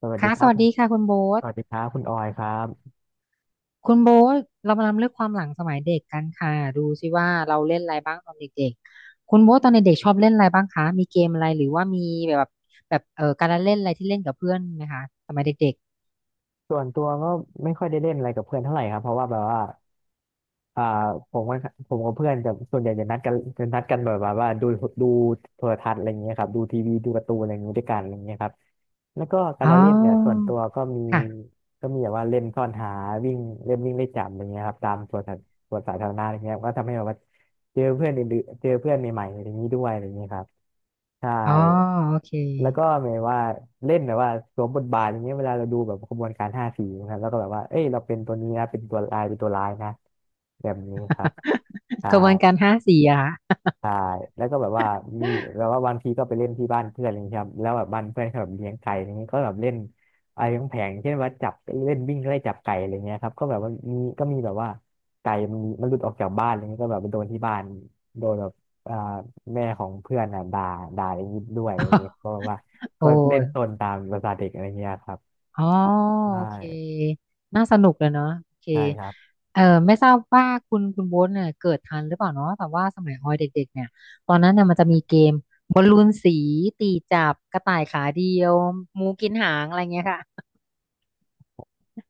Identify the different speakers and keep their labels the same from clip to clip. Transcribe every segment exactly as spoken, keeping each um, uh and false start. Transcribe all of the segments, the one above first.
Speaker 1: สวัสดี
Speaker 2: ค่ะ
Speaker 1: ค
Speaker 2: ส
Speaker 1: รับ
Speaker 2: วัสดีค่ะคุณโบ๊
Speaker 1: ส
Speaker 2: ท
Speaker 1: วัสดีครับคุณออยครับ
Speaker 2: คุณโบ๊ทเรามานำเรื่องความหลังสมัยเด็กกันค่ะดูสิว่าเราเล่นอะไรบ้างตอนเด็กๆคุณโบ๊ทตอนเด็กๆชอบเล่นอะไรบ้างคะมีเกมอะไรหรือว่ามีแบบแบบเอ่อการละเล่นอะไรที่เล่นกับเพื่อนไหมคะสมัยเด็ก
Speaker 1: ส่วนตัวก็ไม่ค่อยได้เล่นอะไรกับเพื่อนเท่าไหร่ครับเพราะว่าแบบว่าอ่าผมก็ผมกับเพื่อนจะส่วนใหญ่จะนัดกันจะนัดกันแบบว่าว่าดูดูโทรทัศน์อะไรอย่างเงี้ยครับดูทีวีดูการ์ตูนอะไรอย่างเงี้ยด้วยกันอะไรอย่างเงี้ยครับแล้วก็กา
Speaker 2: ๆ
Speaker 1: ร
Speaker 2: อ๋อ
Speaker 1: ละเล่นเนี่ยส่วนตัวก็มี
Speaker 2: ค่ะ
Speaker 1: ก็มีแบบว่าเล่นซ่อนหาวิ่งเล่นวิ่งเล่นจับอะไรเงี้ยครับตามสวนสาสวนสาธารณะอะไรเงี้ยก็ทำให้แบบว่าเจอเพื่อนอื่นๆเจอเพื่อนใหม่ๆอะไรอย่างนี้ด้วยอะไรอย่างเงี้ยครับ ใช่
Speaker 2: อ๋อโอเค
Speaker 1: แล้วก็หมายว่าเล่นแบบว่าสวมบทบาทอย่างเงี้ยเวลาเราดูแบบขบวนการห้าสีนะครับแล้วก็แบบว่า เอ้ยเราเป็นตัวนี้นะเป็นตัวลายเป็นตัวร้ายนะแบบนี้ครับใช่
Speaker 2: กระบวนการห้าสี่อะคะ
Speaker 1: ใช่แล้วก็แบบว่ามีแบบว่าบางทีก็ไปเล่นที่บ้านเพื่อนอะไรอย่างเงี้ยครับแล้วแบบบ้านเพื่อนเขาแบบเลี้ยงไก่อะไรเงี้ยก็แบบเล่นอะไรของแผงๆเช่นว่าจับเล่นวิ่งไล่จับไก่อะไรเงี้ยครับก็แบบว่ามีก็มีแบบว่าไก่มันมีมันหลุดออกจากบ้านอะไรเงี้ยก็แบบไปโดนที่บ้านโดนแบบอ่าแม่ของเพื่อนอ่ะด่าด่าอย่างนี้ด้วยอะไรเงี้ย ก็แบบว่าก็
Speaker 2: โอ้
Speaker 1: โอ้เล่น
Speaker 2: ย
Speaker 1: ตนตามภาษาเด็กอะไรเงี้ยครับ
Speaker 2: อ๋อ
Speaker 1: ใช
Speaker 2: โอเค
Speaker 1: ่
Speaker 2: น่าสนุกเลยเนาะโอเค
Speaker 1: ใช่ครับ
Speaker 2: เออไม่ทราบว่าคุณคุณโบ๊ทเนี่ยเกิดทันหรือเปล่าเนาะแต่ว่าสมัยออยเด็กๆเนี่ยตอนนั้นเนี่ยมันจะมีเกมบอลลูนสีตีจับกระต่ายขาเดียวหมูกินหางอะไรเงี้ยค่ะ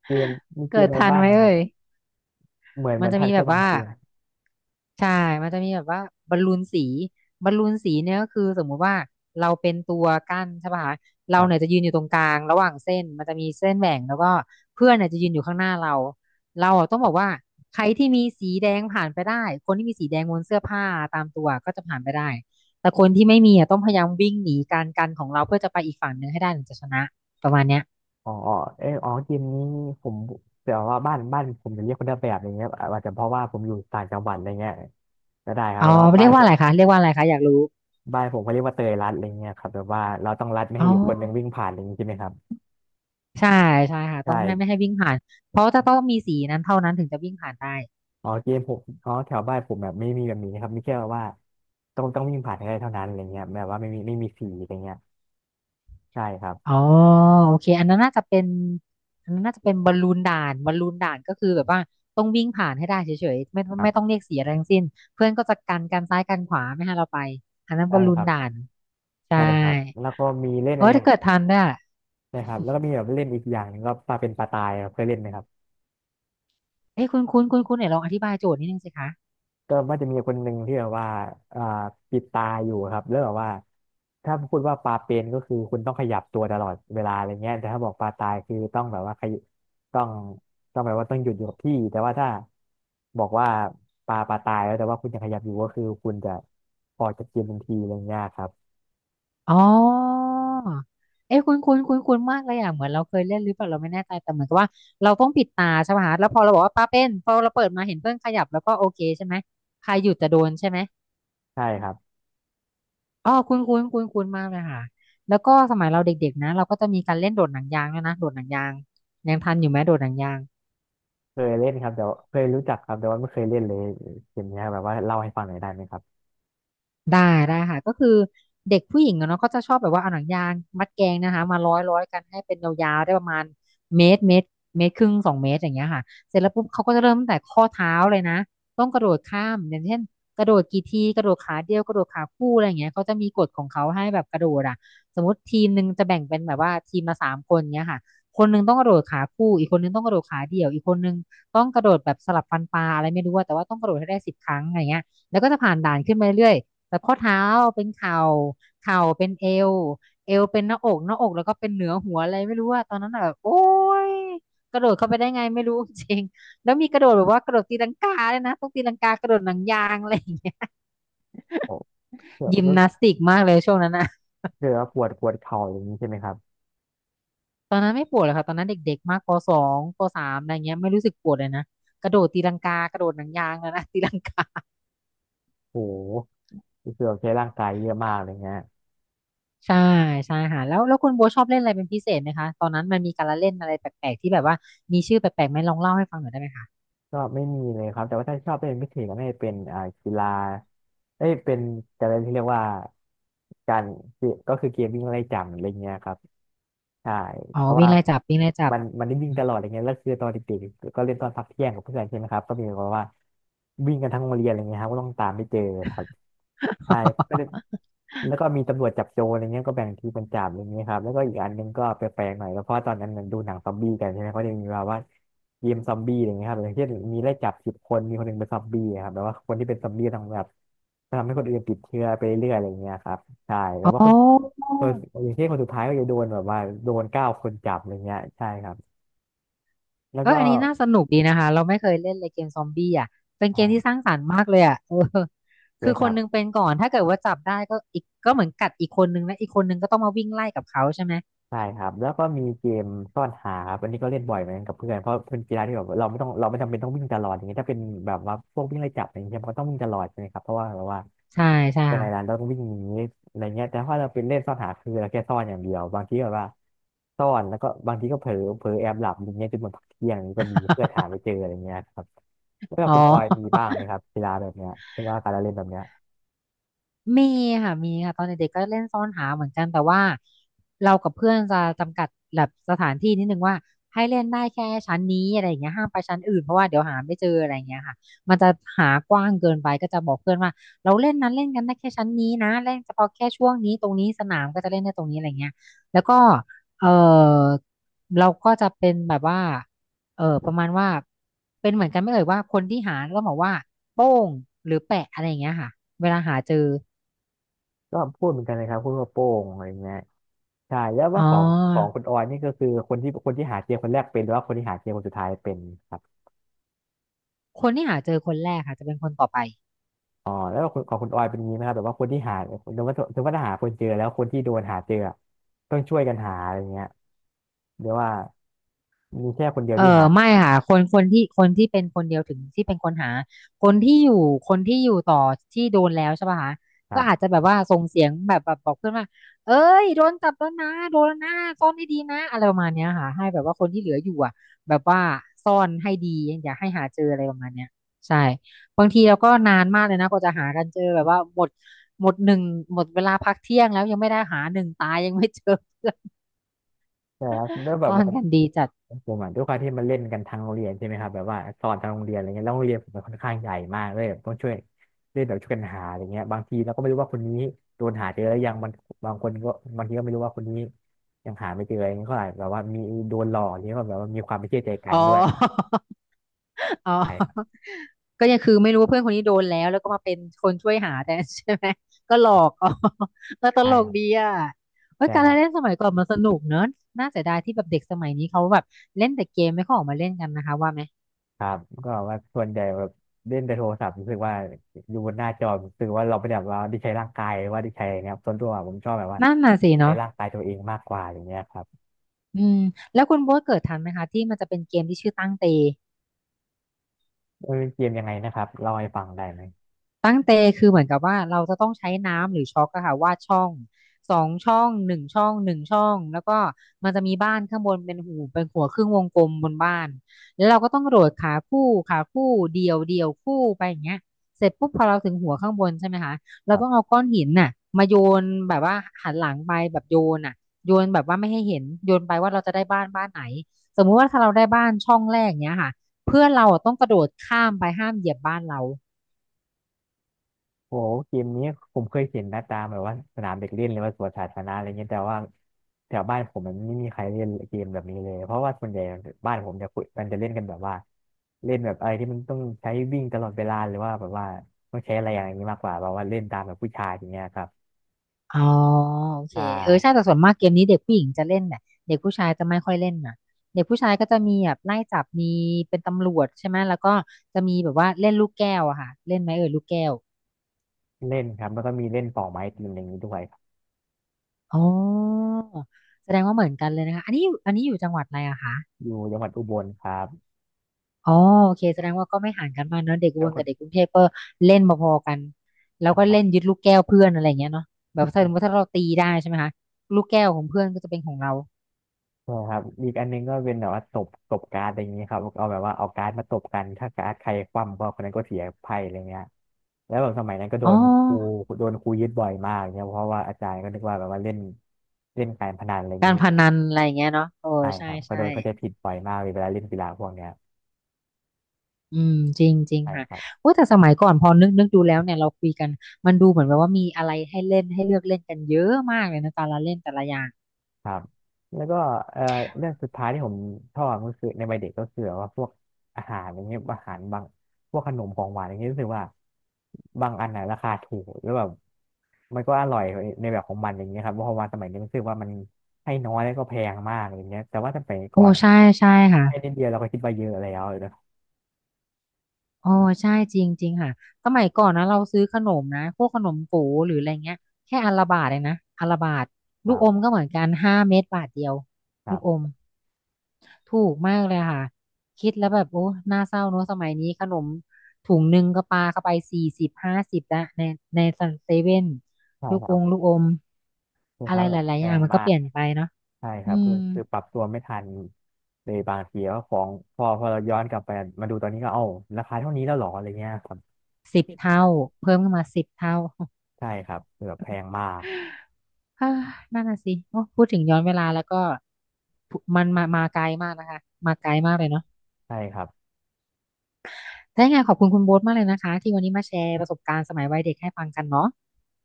Speaker 1: เกมมีเก
Speaker 2: เกิ
Speaker 1: ม
Speaker 2: ด
Speaker 1: อะไรน
Speaker 2: ทัน
Speaker 1: บ้าง
Speaker 2: ไหม
Speaker 1: นะครั
Speaker 2: เอ่
Speaker 1: บ
Speaker 2: ย
Speaker 1: เหมือนเห
Speaker 2: มั
Speaker 1: มื
Speaker 2: น
Speaker 1: อน
Speaker 2: จะ
Speaker 1: ทัด
Speaker 2: มีแบ
Speaker 1: แค่
Speaker 2: บ
Speaker 1: บาง
Speaker 2: ว่า
Speaker 1: เกมาม
Speaker 2: ใช่มันจะมีแบบว่าบอลลูนสีบอลลูนสีเนี่ยก็คือสมมุติว่าเราเป็นตัวกั้นใช่ป่ะคะเราเนี่ย
Speaker 1: ก
Speaker 2: จะยืนอยู่ตรงกลางระหว่างเส้นมันจะมีเส้นแบ่งแล้วก็เพื่อนเนี่ยจะยืนอยู่ข้างหน้าเราเราอะต้องบอกว่าใครที่มีสีแดงผ่านไปได้คนที่มีสีแดงบนเสื้อผ้าตามตัวก็จะผ่านไปได้แต่คนที่ไม่มีอะต้องพยายามวิ่งหนีการกันของเราเพื่อจะไปอีกฝั่งหนึ่งให้ได้ถึงจะชนะประมาณเนี้ย
Speaker 1: อ๋อเอออ๋อเกมนี้ผมแต่ว่าบ้านบ้านผมจะเรียกคนละแบบอย่างเงี้ยอาจจะเพราะว่าผมอยู่ต่างจังหวัดอะไรเงี้ยก็ได้ครับ
Speaker 2: อ๋
Speaker 1: แป
Speaker 2: อ
Speaker 1: ลอว่า
Speaker 2: เรี
Speaker 1: บ้า
Speaker 2: ยกว่า
Speaker 1: เขานผ
Speaker 2: อะไร
Speaker 1: ม่า
Speaker 2: คะเรียกว่าอะไรคะอยากรู้
Speaker 1: บ้านผมเขาเรียกว่าเตยรัดอะไรเงี้ยครับแบบว่าเราต้องรัดไม่
Speaker 2: อ๋
Speaker 1: ให้อยู่คนหนึ่งวิ่ง
Speaker 2: อ
Speaker 1: ผ่านอะไรอย่างงี้ใช่ไหมครับ
Speaker 2: ใช่ใช่ค่ะ
Speaker 1: ใช
Speaker 2: ต้องให้ไม่ให้
Speaker 1: ่
Speaker 2: วิ่งผ่านเพราะจะต้องมีสีนั้นเท่านั้นถึงจะวิ่งผ่านได้
Speaker 1: อ๋อเกมผมอ๋อแถวบ้านผมแบบไม่มีแบบนี้ครับมีแค่ว่าต้องต้องวิ่งผ่านให้ได้เท่านั้นอะไรเงี้ยแบบว่าไม่มีไม่มีสีอะไรเงี้ยใช่ครับ
Speaker 2: อ๋อโอเคอันนั้นน่าจะเป็นอันนั้นน่าจะเป็นบอลลูนด่านบอลลูนด่านก็คือแบบว่าต้องวิ่งผ่านให้ได้เฉยๆไม่
Speaker 1: ค
Speaker 2: ไม่ต้อง
Speaker 1: รับ
Speaker 2: เรียกเสียอะไรทั้งสิ้นเพื่อนก็จะกันกันซ้ายกันขวาไม่ให้เราไปอันนั้นบ
Speaker 1: ใช่
Speaker 2: อลลู
Speaker 1: ค
Speaker 2: น
Speaker 1: รับ
Speaker 2: ด่านใช่
Speaker 1: ใช่ครับแล้วก็มีเล่น
Speaker 2: เอ
Speaker 1: อะไร
Speaker 2: อถ้าเกิดทันเนี่ย
Speaker 1: ใช่ครับแล้วก็มีแบบเล่นอีกอย่างหนึงก็ปลาเป็นปลาตายครับเคยเล่นไหมครับ
Speaker 2: เอ้ยคุณคุณคุณคุณเนี่ยลองอธิบายโจทย์นิดนึงสิคะ
Speaker 1: ก็มันจะมีคนหนึ่งที่แบบว่าอ่าปิดตาอยู่ครับแล้วแบบว่า ถ้าพูดว่าปลาเป็นก็คือคุณต้องขยับตัวตลอดเวลาอะไรเงี้ยแต่ถ้าบอกปลาตายคือต้องแบบว่าขยต้องต้องแบบว่าต้องหยุดอยู่กับที่ แต่ว่าถ้าบอกว่าปลาปลาตายแล้วแต่ว่าคุณยังขยับอยู่ก็คือคุณจะออกจากเกมทันทีอะไรเงี้ยครับ
Speaker 2: อ๋อเอ้คุ้นคุ้นคุ้นคุ้นมากเลยอ่ะเหมือนเราเคยเล่นหรือเปล่าเราไม่แน่ใจแต่เหมือนกับว่าเราต้องปิดตาใช่ป่ะฮะแล้วพอเราบอกว่าป้าเป็นพอเราเปิดมาเห็นเพื่อนขยับแล้วก็โอเคใช่ไหมใครหยุดจะโดนใช่ไหม
Speaker 1: ใช่ครับ
Speaker 2: อ๋อคุ้นคุ้นคุ้นคุ้นมากเลยค่ะแล้วก็สมัยเราเด็กๆนะเราก็จะมีการเล่นโดดหนังยางด้วยนะโดดหนังยางยังทันอยู่ไหมโดดหนังยาง
Speaker 1: เคยเล่นครับแต่ว่าเคยรู้จักครับแต่ว่าไม่เคยเล่นเลยเกมเนี้ยแบบว่าเล่าให้ฟังหน่อยได้ไหมครับ
Speaker 2: ได้ได้ค่ะก็คือเด็กผู้หญิงอะเนาะก็จะชอบแบบว่าเอาหนังยางมัดแกงนะคะมาร้อยร้อยกันให้เป็นยาวๆได้ประมาณเมตรเมตรเมตรครึ่งสองเมตรอย่างเงี้ยค่ะเสร็จแล้วปุ๊บเขาก็จะเริ่มตั้งแต่ข้อเท้าเลยนะต้องกระโดดข้ามอย่างเช่นกระโดดกี่ทีกระโดดขาเดียวกระโดดขาคู่อะไรอย่างเงี้ยเขาจะมีกฎของเขาให้แบบกระโดดอ่ะสมมติทีมหนึ่งจะแบ่งเป็นแบบว่าทีมละสามคนเงี้ยค่ะคนหนึ่งต้องกระโดดขาคู่อีกคนหนึ่งต้องกระโดดขาเดี่ยวอีกคนหนึ่งต้องกระโดดแบบสลับฟันปลาอะไรไม่รู้ว่าแต่ว่าต้องกระโดดให้ได้สิบครั้งอะไรเงี้ยแล้วก็จะผ่านด่านขึ้นมาเรื่อย แบบข้อเท้าเป็นเข่าเข่าเป็นเอวเอวเป็นหน้าอกหน้าอกแล้วก็เป็นเหนือหัวอะไรไม่รู้อะตอนนั้นอะแบบโอ๊ยกระโดดเข้าไปได้ไงไม่รู้จริงแล้วมีกระโดดแบบว่ากระโดดตีลังกาเลยนะต้องตีลังกากระโดดหนังยางอะไรอย่างเงี้ย
Speaker 1: โอ้ก็
Speaker 2: ยิม
Speaker 1: ก็
Speaker 2: นาสติกมากเลยช่วงนั้นอะ
Speaker 1: คือว่าปวดปวดเข่าอย่างนี้ใช่ไหมครับ
Speaker 2: ตอนนั้นไม่ปวดเลยค่ะตอนนั้นเด็กๆมากปสองปสามอะไรเงี้ยไม่รู้สึกปวดเลยนะกระโดดตีลังกากระโดดหนังยางแล้วนะ ตีลังกา
Speaker 1: โหรู้สึกว่าใช้ร่างกายเยอะมากเลยฮะ
Speaker 2: ใช่ใช่ค่ะแล้วแล้วคุณโบทชอบเล่นอะไรเป็นพิเศษไหมคะตอนนั้นมันมีการละเล่นอะไรแปลกๆที่แบบว่ามีชื่อแปลกๆไหมลองเล่าให้ฟังหน่อยได้ไหมคะ
Speaker 1: ก็ไม่มีเลยครับแต่ว่าถ้าชอบเล่นพิเศษก็ไม่าจะเป็นอ่ากีฬาเอ้ยเป็นการเล่นที่เรียกว่าการก็คือเกมวิ่งไล่จับอะไรเงี้ยครับใช่
Speaker 2: อ๋อ
Speaker 1: เพราะ
Speaker 2: วิ่
Speaker 1: ว่า
Speaker 2: งไล่จับวิ่งไล่จับ
Speaker 1: มันมันได้วิ่
Speaker 2: อ
Speaker 1: งต
Speaker 2: ม
Speaker 1: ลอดอะไรเงี้ยแล้วคือตอนเด็กๆก็เล่นตอนพักเที่ยงกับเพื่อนใช่ไหมครับ ก็มีแบบว่าวิ่งกันทั้งโรงเรียนอะไรเงี้ยครับก็ต้องตามไปเจอครับใช่ แล้วก็มีตำรวจจับโจรอะไรเงี้ยก็แบ่งทีมเป็นจัาอะไรเงี้ยครับแล้วก็อีกอันหนึงก็แปลกๆหน่อยก็เพราะตอนนั้นมันดูหนังซอมบี้กันใช่ไหมเขาจะมีแบบว่าเกมซอมบี้อะไรเงี้ยครับอย่างเช่นมีไล่จับสิบคนมีคนหนึ่งเป็นซอมบี้อะครับแบบว่าคนที่เป็นซอมบี้ต้องแบบทำให้คนอื่นติดเชื้อไปเรื่อยอะไรเงี้ยครับใช่แล้
Speaker 2: อ๋
Speaker 1: วว่า
Speaker 2: อ
Speaker 1: คนคนอย่างเช่นคนสุดท้ายก็จะโดนแบบว่าโดนเก้าคนจับอะไรเงี้ยใช่ครับแล้ว
Speaker 2: เออ
Speaker 1: ก็
Speaker 2: อันนี้น่าสนุกดีนะคะเราไม่เคยเล่นเลยเกมซอมบี้อ่ะเป็นเกมที่
Speaker 1: ใช
Speaker 2: สร้างสรรค์มากเลยอ่ะเออ
Speaker 1: ่
Speaker 2: คือ
Speaker 1: ค
Speaker 2: ค
Speaker 1: รั
Speaker 2: นนึง
Speaker 1: บ
Speaker 2: เป็นก่อนถ้าเกิดว่าจับได้ก็อีกก็เหมือนกัดอีกคนนึงนะอีกคนนึงก็ต้องมาวิ่งไล่กับเขาใช่ไหม
Speaker 1: ใช่ครับแล้วก็มีเกมซ่อนหาครับอันนี้ก็เล่นบ่อยเหมือนกันกับเพื่อนเพราะเป็นกีฬาที่แบบเราไม่ต้องเราไม่จำเป็นต้องวิ่งตลอดอย่างเงี้ยถ้าเป็นแบบว่าพวกวิ่งไล่จับอะไรเงี้ยมันก็ต้องวิ่งตลอดใช่ไหมครับเพราะว่าแบบว่า
Speaker 2: ใช่ใช่
Speaker 1: แต่ในร้าน
Speaker 2: ค่ะ
Speaker 1: เราต้องวิ่งหนีอะไรเงี้ยแต่ถ้าเราเป็นเล่นซ่อนหาคือเราแค่ซ่อนอย่างเดียวบางทีแบบว่าซ่อนแล้วก็บางทีก็เผลอเผลอแอบหลับอย่างเงี้ยจนหมดพักเที่ยงก็มีเพื่อนหาไม่เจออะไรเงี้ยครับแล้ว
Speaker 2: อ๋
Speaker 1: คุณออยมี
Speaker 2: อ
Speaker 1: บ้างไหมครับกีฬาแบบเนี้ยหรือว่าการเล่นแบบเนี้ย
Speaker 2: มีค่ะมีค่ะ ตอนเด็กๆก็เล่นซ่อนหาเหมือนกันแต่ว่าเรากับเพื่อนจะจำกัดแบบสถานที่นิดนึงว่าให้เล่นได้แค่ชั้นนี้อะไรอย่างเงี้ยห้ามไปชั้นอื่นเพราะว่าเดี๋ยวหาไม่เจออะไรอย่างเงี้ยค่ะมันจะหากว้างเกินไปก็จะบอกเพื่อนว่าเราเล่นนั้นเล่นกันได้แค่ชั้นนี้นะเล่นเฉพาะแค่ช่วงนี้ตรงนี้สนามก็จะเล่นได้ตรงนี้อะไรเงี้ยแล้วก็เออเราก็จะเป็นแบบว่าเออประมาณว่าเป็นเหมือนกันไม่เอ่ยว่าคนที่หาต้องบอกว่าโป้งหรือแปะอะไรอย่างเงี้ยค่ะเวลาหาเจอ
Speaker 1: ก็พูดเหมือนกันเลยครับพูดว่าโป้งอะไรเงี้ย ใช่แล้ว
Speaker 2: อ๋
Speaker 1: ว่าของของ
Speaker 2: อ
Speaker 1: คุณออยนี่ก็คือคนที่คนที่หาเจมคนแรกเป็นหรือว่าคนที่หาเจมคนสุดท้ายเป็นครับ
Speaker 2: คนที่หาเจอคนแรกค่ะจะเป็นคนต่อไป
Speaker 1: อ๋อแล้วของของคุณออยเป็นอย่างนี้ไหมครับแบบว่าคนที่หาสมมติสมมติว่าหาคนเจอแล้วคนที่โดนหาเจออะต้องช่วยกันหาอะไรเงี้ยเรียกว่ามีแค่คนเดียว
Speaker 2: เออ
Speaker 1: ที่หา
Speaker 2: ไม่ค่ะคนคนที่คนที่เป็นคนเดียวถึงที่เป็นคนหาคนที่อยู่คนที่อยู่ต่อที่โดนแล้วใช่ป่ะคะ
Speaker 1: ค
Speaker 2: ก็
Speaker 1: รั
Speaker 2: อาจ
Speaker 1: บ
Speaker 2: จะแบบว่าส่งเสียงแบบแบบบอกเพื่อนว่าเอ้ยโดนจับแล้วนะโดนแล้วนะซ่อนให้ดีนะอะไรประมาณเนี้ยค่ะให้แบบว่าคนที่เหลืออยู่อ่ะแบบว่าซ่อนให้ดีอย่าให้หาเจออะไรประมาณเนี้ยใช่บางทีเราก็นานมากเลยนะกว่าจะหากันเจอแบบว่าหมดหมดหนึ่งหมดเวลาพักเที่ยงแล้วยังไม่ได้หาหนึ่งตายยังไม่เจอ
Speaker 1: ใช่ครับแล้วแบบ
Speaker 2: ซ่อนกันดีจัด
Speaker 1: ผมอ่ะด้วยความที่มันเล่นกันทางโรงเรียนใช่ไหมครับแบบว่าสอนทางโรงเรียนอะไรเงี้ยแล้วโรงเรียนผมมันค่อนข้างใหญ่มากเลยแบบต้องช่วยเล่นแบบช่วยกันหาอะไรเงี้ยบางทีเราก็ไม่รู้ว่าคนนี้โดนหาเจอแล้วยังบางบางคนก็บางทีก็ไม่รู้ว่าคนนี้ยังหาไม่เจออะไรเงี้ยก็อาจแบบว่ามีโดนหลอกอย่างเงี้ยก็แบบว่ามีความไม่เชื่อใจกั
Speaker 2: อ๋
Speaker 1: น
Speaker 2: อ
Speaker 1: ด้วย
Speaker 2: อ๋อ
Speaker 1: ใช่ครับ
Speaker 2: ก็ยังคือไม่รู้ว่าเพื่อนคนนี้โดนแล้วแล้วก็มาเป็นคนช่วยหาแต่ใช่ไหม ก็หลอกอ๋อ ก็ต
Speaker 1: ใช่
Speaker 2: ล
Speaker 1: ค
Speaker 2: ก
Speaker 1: รับ
Speaker 2: ดีอ่ะเฮ้ย
Speaker 1: ใช่
Speaker 2: การ
Speaker 1: ครับ
Speaker 2: เล่นสมัยก่อนมันสนุกเนอะน่าเสียดายที่แบบเด็กสมัยนี้เขาแบบเล่นแต่เกมไม่ค่อยออกมาเล่นกันนะคะว่าไหม
Speaker 1: ครับก็แบบว่าส่วนใหญ่แบบเล่นแต่โทรศัพท์รู้สึกว่าอยู่บนหน้าจอรู้สึกว่าเราไม่ได้แบบว่าได้ใช้ร่างกายหรือว่าได้ใช้อะไรเงี้ยครับส่วนตัวผมชอบแบบว่า
Speaker 2: นั่นน่ะสิ
Speaker 1: ใช้
Speaker 2: เนาะ
Speaker 1: ร่างกายตัวเองมากกว่าอย่างเงี้ยครับ
Speaker 2: อืมแล้วคุณโบ๊ทเกิดทันไหมคะที่มันจะเป็นเกมที่ชื่อตั้งเต
Speaker 1: เออเกมยังไงนะครับเล่าให้ฟังได้ไหม
Speaker 2: ตั้งเตคือเหมือนกับว่าเราจะต้องใช้น้ำหรือช็อกอะค่ะวาดช่องสองช่องหนึ่งช่องหนึ่งช่องแล้วก็มันจะมีบ้านข้างบนเป็นหูเป็นหัวครึ่งวงกลมบนบ้านแล้วเราก็ต้องโดดขาคู่ขาคู่เดี่ยวเดี่ยวคู่ไปอย่างเงี้ยเสร็จปุ๊บพอเราถึงหัวข้างบนใช่ไหมคะเราต้องเอาก้อนหินน่ะมาโยนแบบว่าหันหลังไปแบบโยนน่ะโยนแบบว่าไม่ให้เห็นโยนไปว่าเราจะได้บ้านบ้านไหนสมมุติว่าถ้าเราได้บ้านช่องแรกเนี้ยค่ะเพื่อนเราอะต้องกระโดดข้ามไปห้ามเหยียบบ้านเรา
Speaker 1: โอ้โหเกมนี้ผมเคยเห็นหน้าตาแบบว่าสนามเด็กเล่นหรือว่าสวนสาธารณะอะไรเงี้ยแต่ว่าแถวบ้านผมมันไม่มีใครเล่นเกมแบบนี้เลยเพราะว่าส่วนใหญ่บ้านผมจะคุยมันจะเล่นกันแบบว่าเล่นแบบอะไรที่มันต้องใช้วิ่งตลอดเวลาหรือว่าแบบว่าต้องใช้อะไรอย่างนี้มากกว่าแบบว่าเล่นตามแบบผู้ชายอย่างเงี้ยครับ
Speaker 2: อ๋อโอเค
Speaker 1: ถ้า
Speaker 2: เออใช่แต่ส่วนมากเกมนี้เด็กผู้หญิงจะเล่นแหละเด็กผู้ชายจะไม่ค่อยเล่นน่ะเด็กผู้ชายก็จะมีแบบไล่จับมีเป็นตำรวจใช่ไหมแล้วก็จะมีแบบว่าเล่นลูกแก้วอะค่ะเล่นไหมเออลูกแก้ว
Speaker 1: เล่นครับแล้วก็มีเล่นปอกไม้ตีนอย่างนี้ด้วยครับ
Speaker 2: อ๋อแสดงว่าเหมือนกันเลยนะคะอันนี้อยู่อันนี้อยู่จังหวัดอะไรอะคะ
Speaker 1: อยู่จังหวัดอุบลครับ
Speaker 2: อ๋อโอเคแสดงว่าก็ไม่ห่างกันมากเนอะเด็กอุ
Speaker 1: แล้
Speaker 2: บ
Speaker 1: ว
Speaker 2: ล
Speaker 1: ก็
Speaker 2: กับเด็กกรุงเทพก็เล่นพอๆกันแล้วก็เล่นยึดลูกแก้วเพื่อนอะไรอย่างเงี้ยเนาะแบบถ้าสมมติถ้าเราตีได้ใช่ไหมคะลูกแก้วของเพื่อนก็จะเป็นของเรา
Speaker 1: ใช่ครับอีกอันนึงก็เป็นแบบว่าตบตบการ์ดอะไรอย่างเี้ครับเอาแบบว่าเอาการ์ดมาตบกันถ้าการ์ดใครคว่ำก็คนนั้นก็เสียไพ่อะไรเงี้ยแล้วแบบสมัยนั้นก็โด
Speaker 2: อ๋อ
Speaker 1: นครูโดนครูยึดบ่อยมากเนี่ยเพราะว่าอาจารย์ก็นึกว่าแบบว่าเล่นเล่นการพนันอะไรอย่าง
Speaker 2: กา
Speaker 1: นี้
Speaker 2: รพนันอะไรอย่างเงี้ยเนาะโอ้
Speaker 1: ใช่ค
Speaker 2: ใช่
Speaker 1: รับก็
Speaker 2: ใช่
Speaker 1: โดนเขาใจผิดบ่อยมากเลยเวลาเล่นกีฬาพวกเนี้ย
Speaker 2: อืมจริงจริง
Speaker 1: ใช่
Speaker 2: ค่ะ
Speaker 1: ครับ
Speaker 2: โอ้แต่สมัยก่อนพอนึกนึกดูแล้วเนี่ยเราคุยกันมันดูเหมือนแบบว่ามีอะไรให้เล่นให้เลือกเล่นกันเยอะมากเลยนะแต่ละเล่นแต่ละอย่าง
Speaker 1: ครับแล้วก็เอ่อเรื่องสุดท้ายที่ผมชอบก็คือในวัยเด็กก็คือแบบว่าพวกอาหารอย่างเงี้ยอาหารบางพวกขนมของหวานอย่างเงี้ยรู้สึกว่าบางอันน่ะราคาถูกแล้วแบบมันก็อร่อยในแบบของมันอย่างเงี้ยครับเพราะว่าสมัยนี้รู้สึกว่ามันให้น้อยแล้วก็แพงมากอย่างเงี้ยแต่ว่าสมัย
Speaker 2: โอ้
Speaker 1: ก่อน
Speaker 2: ใช่ใช่ค่ะ
Speaker 1: ให้นิดเดียวเราก็คิดว่าเยอะแล้วนะ
Speaker 2: โอ้ใช่จริงจริงค่ะสมัยก่อนนะเราซื้อขนมนะพวกขนมโก๋หรืออะไรเงี้ยแค่อันละบาทเองนะอันละบาท
Speaker 1: ค
Speaker 2: ลู
Speaker 1: รั
Speaker 2: กอม
Speaker 1: บ
Speaker 2: ก็เหมือนกันห้าเม็ดบาทเดียว
Speaker 1: ค
Speaker 2: ลู
Speaker 1: รั
Speaker 2: กอ
Speaker 1: บ
Speaker 2: ม ถูกมากเลยค่ะคิดแล้วแบบโอ้น่าเศร้าเนอะสมัยนี้ขนมถุงหนึ่งก็ปาเข้าไปสี่สิบห้าสิบละในในเซเว่น
Speaker 1: ใช่
Speaker 2: ลูก
Speaker 1: ค
Speaker 2: อ
Speaker 1: รับ
Speaker 2: งลูกอม
Speaker 1: ใช่ค
Speaker 2: อะ
Speaker 1: รั
Speaker 2: ไร
Speaker 1: บแบ
Speaker 2: ห
Speaker 1: บ
Speaker 2: ลาย
Speaker 1: แพ
Speaker 2: ๆอย่าง
Speaker 1: ง
Speaker 2: มันก็
Speaker 1: มา
Speaker 2: เป
Speaker 1: ก
Speaker 2: ลี่ยนไปเนาะ
Speaker 1: ใช่ค
Speaker 2: อื
Speaker 1: รับคือ
Speaker 2: ม
Speaker 1: คือปรับตัวไม่ทันเลยบางทีว่าของพอพอเราย้อนกลับไปมาดูตอนนี้ก็เอ้าราคาเท่านี้แล้วเหรออะไรเงี้ยครับ
Speaker 2: สิบเท่าเพิ่มขึ้นมาสิบเท่า
Speaker 1: ใช่ครับคือแบบแพงมาก
Speaker 2: ฮ่านั่นน่ะสิโอ้พูดถึงย้อนเวลาแล้วก็พูมันมามาไกลมากนะคะมาไกลมากเลยเนาะ
Speaker 1: ใช่ครับ
Speaker 2: ถ้ายังไงขอบคุณคุณโบ๊ทมากเลยนะคะที่วันนี้มาแชร์ประสบการณ์สมัยวัยเด็กให้ฟังกันเนาะ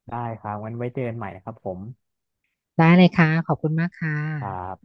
Speaker 1: ได้ครับงั้นไว้เจอกันใหม่นะครับผม
Speaker 2: ได้เลยค่ะขอบคุณมากค่ะ
Speaker 1: ครับ